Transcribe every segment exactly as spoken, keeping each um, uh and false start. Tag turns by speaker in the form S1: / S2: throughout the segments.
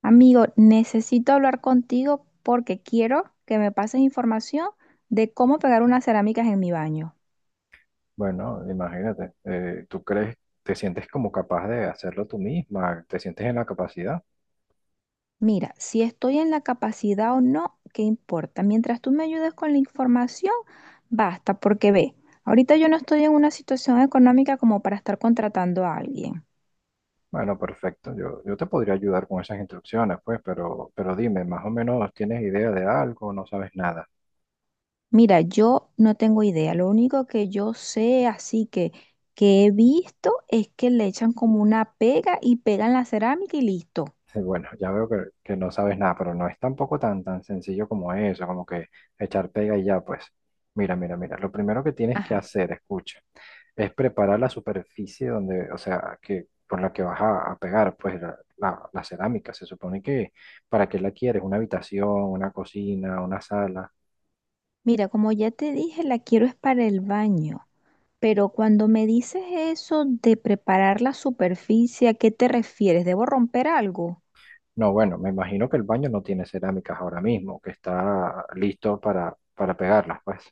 S1: Amigo, necesito hablar contigo porque quiero que me pases información de cómo pegar unas cerámicas en mi baño.
S2: Bueno, imagínate, eh, ¿tú crees, te sientes como capaz de hacerlo tú misma? ¿Te sientes en la capacidad?
S1: Mira, si estoy en la capacidad o no, qué importa. Mientras tú me ayudes con la información, basta, porque ve, ahorita yo no estoy en una situación económica como para estar contratando a alguien.
S2: Bueno, perfecto, yo, yo te podría ayudar con esas instrucciones, pues, pero, pero dime, ¿más o menos tienes idea de algo o no sabes nada?
S1: Mira, yo no tengo idea. Lo único que yo sé, así que que he visto, es que le echan como una pega y pegan la cerámica y listo.
S2: Bueno, ya veo que, que no sabes nada, pero no es tampoco tan, tan sencillo como eso, como que echar pega y ya, pues. Mira, mira, mira, lo primero que tienes que
S1: Ajá.
S2: hacer, escucha, es preparar la superficie donde, o sea, que por la que vas a, a pegar, pues la, la- la cerámica. Se supone que para qué la quieres, una habitación, una cocina, una sala.
S1: Mira, como ya te dije, la quiero es para el baño, pero cuando me dices eso de preparar la superficie, ¿a qué te refieres? ¿Debo romper algo?
S2: No, bueno, me imagino que el baño no tiene cerámicas ahora mismo, que está listo para, para pegarlas, pues.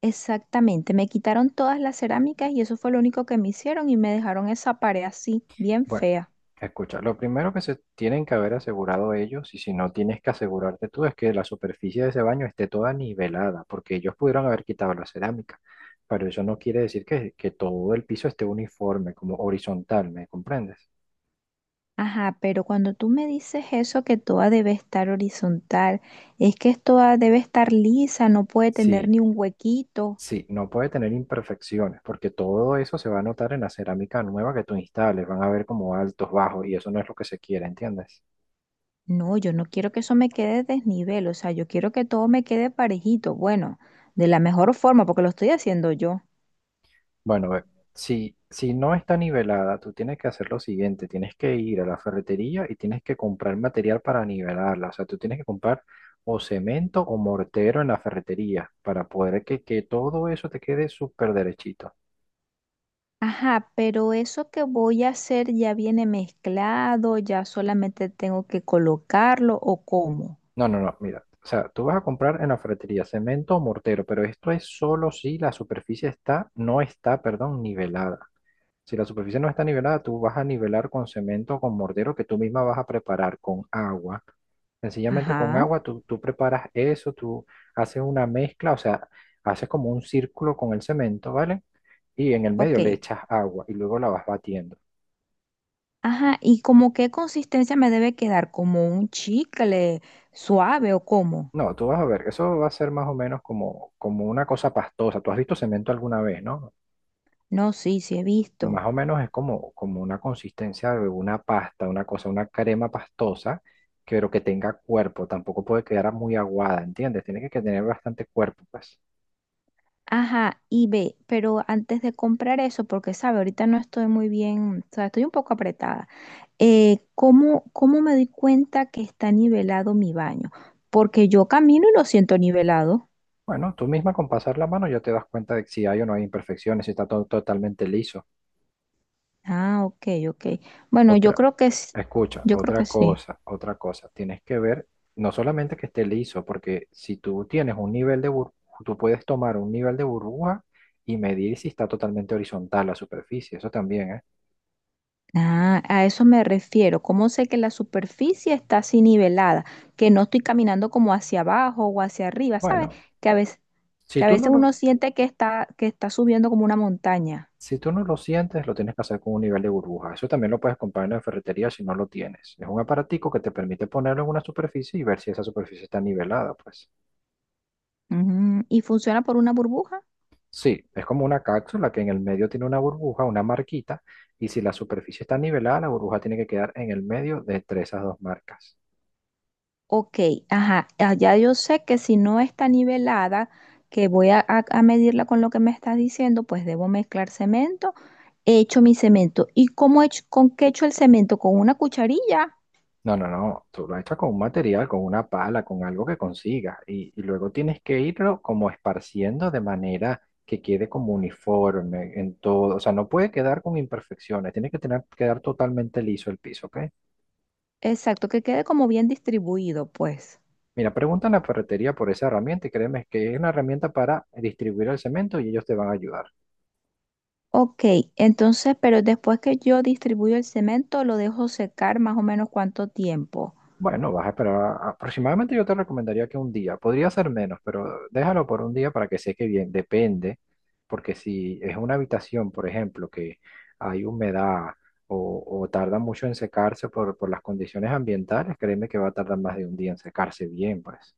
S1: Exactamente, me quitaron todas las cerámicas y eso fue lo único que me hicieron y me dejaron esa pared así, bien
S2: Bueno,
S1: fea.
S2: escucha, lo primero que se tienen que haber asegurado ellos, y si no tienes que asegurarte tú, es que la superficie de ese baño esté toda nivelada, porque ellos pudieron haber quitado la cerámica, pero eso no quiere decir que, que todo el piso esté uniforme, como horizontal, ¿me comprendes?
S1: Ajá, pero cuando tú me dices eso que toda debe estar horizontal, es que toda debe estar lisa, no puede tener
S2: Sí,
S1: ni un huequito.
S2: sí, no puede tener imperfecciones, porque todo eso se va a notar en la cerámica nueva que tú instales, van a ver como altos, bajos, y eso no es lo que se quiere, ¿entiendes?
S1: No, yo no quiero que eso me quede desnivel, o sea, yo quiero que todo me quede parejito, bueno, de la mejor forma, porque lo estoy haciendo yo.
S2: Bueno, ve, si, si no está nivelada, tú tienes que hacer lo siguiente, tienes que ir a la ferretería y tienes que comprar material para nivelarla, o sea, tú tienes que comprar o cemento o mortero en la ferretería para poder que, que todo eso te quede súper derechito.
S1: Ajá, pero eso que voy a hacer ya viene mezclado, ya solamente tengo que colocarlo o cómo.
S2: No, no, no, mira, o sea, tú vas a comprar en la ferretería cemento o mortero, pero esto es solo si la superficie está, no está, perdón, nivelada. Si la superficie no está nivelada, tú vas a nivelar con cemento o con mortero que tú misma vas a preparar con agua. Sencillamente con
S1: Ajá,
S2: agua, tú, tú preparas eso, tú haces una mezcla, o sea, haces como un círculo con el cemento, ¿vale? Y en el medio le
S1: ok.
S2: echas agua y luego la vas batiendo.
S1: Ajá, ¿y como qué consistencia me debe quedar? ¿Como un chicle suave o cómo?
S2: No, tú vas a ver, eso va a ser más o menos como, como una cosa pastosa. Tú has visto cemento alguna vez, ¿no?
S1: No, sí, sí he visto.
S2: Más o menos es como, como una consistencia de una pasta, una cosa, una crema pastosa, que- pero que tenga cuerpo, tampoco puede quedar muy aguada, ¿entiendes? Tiene que que tener bastante cuerpo, pues.
S1: Ajá, y ve, pero antes de comprar eso, porque sabe, ahorita no estoy muy bien, o sea, estoy un poco apretada. Eh, ¿cómo, cómo me doy cuenta que está nivelado mi baño? Porque yo camino y lo siento nivelado.
S2: Bueno, tú misma con pasar la mano ya te das cuenta de si hay o no hay imperfecciones, si está todo totalmente liso.
S1: Ah, ok, ok. Bueno, yo
S2: Otra,
S1: creo que s-
S2: escucha,
S1: yo creo que
S2: otra
S1: sí.
S2: cosa, otra cosa, tienes que ver no solamente que esté liso, porque si tú tienes un nivel de burbuja, tú puedes tomar un nivel de burbuja y medir si está totalmente horizontal la superficie, eso también, ¿eh?
S1: Ah, a eso me refiero. ¿Cómo sé que la superficie está así nivelada? Que no estoy caminando como hacia abajo o hacia arriba, ¿sabes?
S2: Bueno,
S1: Que a veces,
S2: Si
S1: que a
S2: tú
S1: veces
S2: no lo,
S1: uno siente que está, que está subiendo como una montaña.
S2: si tú no lo sientes, lo tienes que hacer con un nivel de burbuja. Eso también lo puedes comprar en la ferretería si no lo tienes. Es un aparatico que te permite ponerlo en una superficie y ver si esa superficie está nivelada, pues.
S1: Ujú. ¿Y funciona por una burbuja?
S2: Sí, es como una cápsula que en el medio tiene una burbuja, una marquita, y si la superficie está nivelada, la burbuja tiene que quedar en el medio de entre esas dos marcas.
S1: Ok, ajá, ah, ya yo sé que si no está nivelada, que voy a, a- a medirla con lo que me estás diciendo, pues debo mezclar cemento. He hecho mi cemento. ¿Y cómo he hecho, con qué he hecho el cemento? Con una cucharilla.
S2: No, no, no, tú lo echas con un material, con una pala, con algo que consigas y, y luego tienes que irlo como esparciendo de manera que quede como uniforme en todo, o sea, no puede quedar con imperfecciones, tiene que tener, quedar totalmente liso el piso, ¿ok?
S1: Exacto, que quede como bien distribuido, pues.
S2: Mira, pregunta en la ferretería por esa herramienta y créeme que es una herramienta para distribuir el cemento y ellos te van a ayudar.
S1: Ok, entonces, pero después que yo distribuyo el cemento, lo dejo secar más o menos cuánto tiempo.
S2: Bueno, vas a esperar aproximadamente, yo te recomendaría que un día, podría ser menos, pero déjalo por un día para que seque bien, depende, porque si es una habitación, por ejemplo, que hay humedad o, o tarda mucho en secarse por, por las condiciones ambientales, créeme que va a tardar más de un día en secarse bien, pues.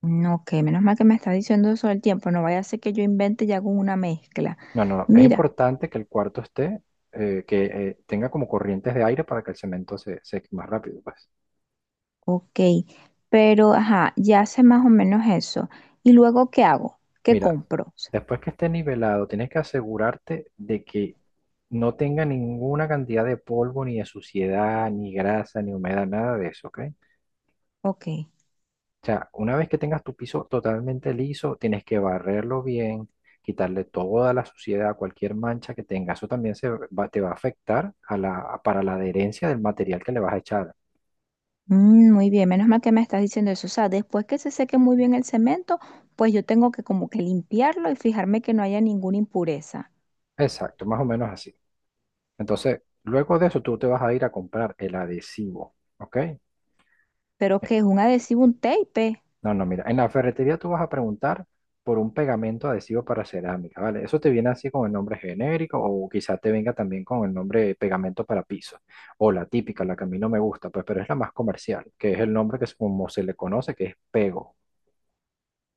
S1: Mm, ok, menos mal que me estás diciendo eso del tiempo, no vaya a ser que yo invente y hago una mezcla.
S2: No, no, no, es
S1: Mira.
S2: importante que el cuarto esté, eh, que eh, tenga como corrientes de aire para que el cemento se seque más rápido, pues.
S1: Ok, pero ajá, ya sé más o menos eso. ¿Y luego qué hago? ¿Qué
S2: Mira,
S1: compro?
S2: después que esté nivelado, tienes que asegurarte de que no tenga ninguna cantidad de polvo, ni de suciedad, ni grasa, ni humedad, nada de eso, ¿ok?
S1: Ok.
S2: O sea, una vez que tengas tu piso totalmente liso, tienes que barrerlo bien, quitarle toda la suciedad, cualquier mancha que tenga. Eso también se va- te va a afectar a la, para la adherencia del material que le vas a echar.
S1: Mm, muy bien, menos mal que me estás diciendo eso. O sea, después que se seque muy bien el cemento, pues yo tengo que como que limpiarlo y fijarme que no haya ninguna impureza.
S2: Exacto, más o menos así. Entonces, luego de eso, tú te vas a ir a comprar el adhesivo, ¿ok?
S1: Pero que es un adhesivo, un tape.
S2: No, no, mira, en la ferretería tú vas a preguntar por un pegamento adhesivo para cerámica, ¿vale? Eso te viene así con el nombre genérico o quizá te venga también con el nombre de pegamento para piso o la típica, la que a mí no me gusta, pues, pero es la más comercial, que es el nombre que es como se le conoce, que es pego.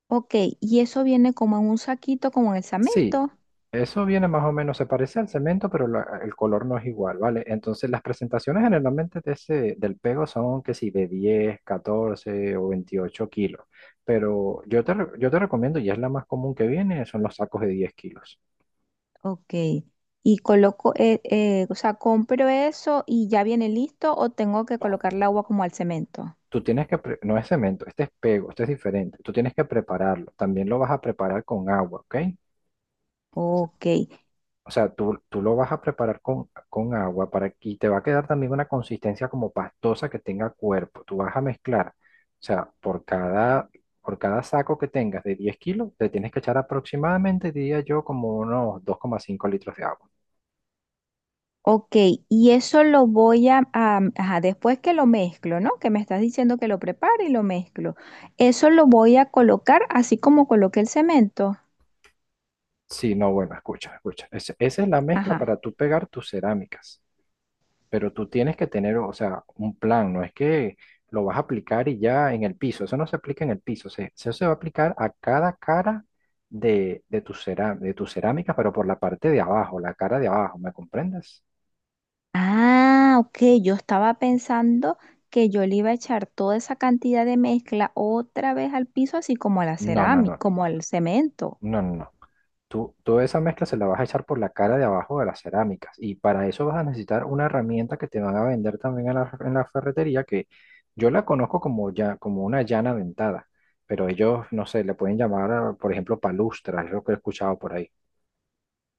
S1: Ok, y eso viene como en un saquito, como en el
S2: Sí,
S1: cemento.
S2: eso viene más o menos, se parece al cemento, pero la- el color no es igual, ¿vale? Entonces las presentaciones generalmente de ese, del pego son que si de diez, catorce o veintiocho kilos, pero yo te, re- yo te recomiendo, y es la más común que viene, son los sacos de diez kilos.
S1: Ok, y coloco, eh, eh, o sea, compro eso y ya viene listo o tengo que
S2: No,
S1: colocarle agua como al cemento.
S2: tú tienes que, pre- no es cemento, este es pego, este es diferente, tú tienes que prepararlo, también lo vas a preparar con agua, ¿ok?
S1: Ok.
S2: O sea, tú, tú lo vas a preparar con, con agua para, y te va a quedar también una consistencia como pastosa que tenga cuerpo. Tú vas a mezclar, o sea, por cada, por cada saco que tengas de diez kilos, te tienes que echar aproximadamente, diría yo, como unos dos coma cinco litros de agua.
S1: Ok, y eso lo voy a, a- ajá, después que lo mezclo, ¿no? Que me estás diciendo que lo prepare y lo mezclo. Eso lo voy a colocar así como coloqué el cemento.
S2: Sí, no, bueno, escucha, escucha. Ese- esa es la mezcla
S1: Ajá.
S2: para tú pegar tus cerámicas. Pero tú tienes que tener, o sea, un plan, no es que lo vas a aplicar y ya en el piso, eso no se aplica en el piso, se, eso se va a aplicar a cada cara de, de tu cerá- de tu cerámica, pero por la parte de abajo, la cara de abajo, ¿me comprendes?
S1: Ah, ok, yo estaba pensando que yo le iba a echar toda esa cantidad de mezcla otra vez al piso, así como a la
S2: No, no,
S1: cerámica,
S2: no,
S1: como al cemento.
S2: no, no, no. Tú, toda esa mezcla se la vas a echar por la cara de abajo de las cerámicas y para eso vas a necesitar una herramienta que te van a vender también en la, en la ferretería que yo la conozco como, ya, como una llana dentada, pero ellos, no sé, le pueden llamar, a, por ejemplo, palustra, es lo que he escuchado por ahí.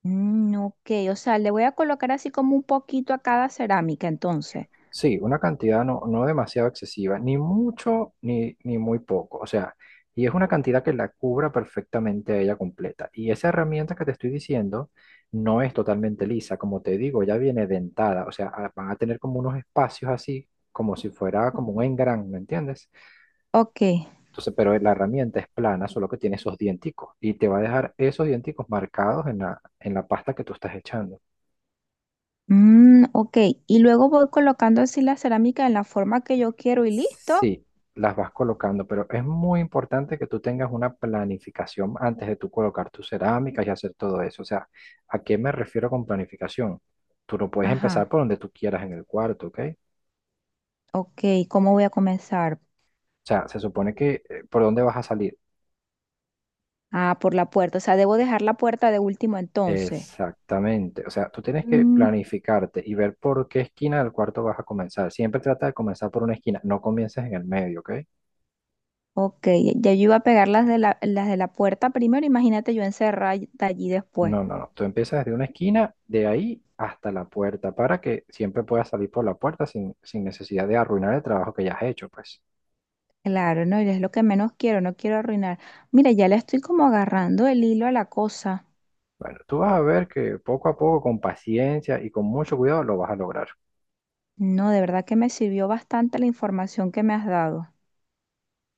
S1: Mm, ok, o sea, le voy a colocar así como un poquito a cada cerámica, entonces.
S2: Sí, una cantidad no, no demasiado excesiva, ni mucho ni, ni muy poco. O sea, y es una cantidad que la cubra perfectamente a ella completa. Y esa herramienta que te estoy diciendo no es totalmente lisa, como te digo, ya viene dentada. O sea, a- van a tener como unos espacios así, como si fuera como un engran, ¿me entiendes?
S1: Ok.
S2: Entonces, pero la herramienta es plana, solo que tiene esos dienticos. Y te va a dejar esos dienticos marcados en la, en la pasta que tú estás echando.
S1: Mm, ok, y luego voy colocando así la cerámica en la forma que yo quiero y listo.
S2: Sí, las vas colocando, pero es muy importante que tú tengas una planificación antes de tú colocar tus cerámicas y hacer todo eso. O sea, ¿a qué me refiero con planificación? Tú no puedes empezar
S1: Ajá,
S2: por donde tú quieras en el cuarto, ¿ok? O
S1: ok, ¿cómo voy a comenzar?
S2: sea, se supone que eh, por dónde vas a salir.
S1: Ah, por la puerta, o sea, debo dejar la puerta de último entonces.
S2: Exactamente. O sea, tú tienes que
S1: Mm,
S2: planificarte y ver por qué esquina del cuarto vas a comenzar. Siempre trata de comenzar por una esquina, no comiences en el medio, ¿ok?
S1: ok, ya yo iba a pegar las de la, las de la puerta primero, imagínate yo encerrar allí después.
S2: No, no, no. Tú empiezas desde una esquina, de ahí hasta la puerta, para que siempre puedas salir por la puerta sin, sin necesidad de arruinar el trabajo que ya has hecho, pues.
S1: Claro, no, y es lo que menos quiero, no quiero arruinar. Mira, ya le estoy como agarrando el hilo a la cosa.
S2: Bueno, tú vas a ver que poco a poco, con paciencia y con mucho cuidado, lo vas a lograr.
S1: No, de verdad que me sirvió bastante la información que me has dado.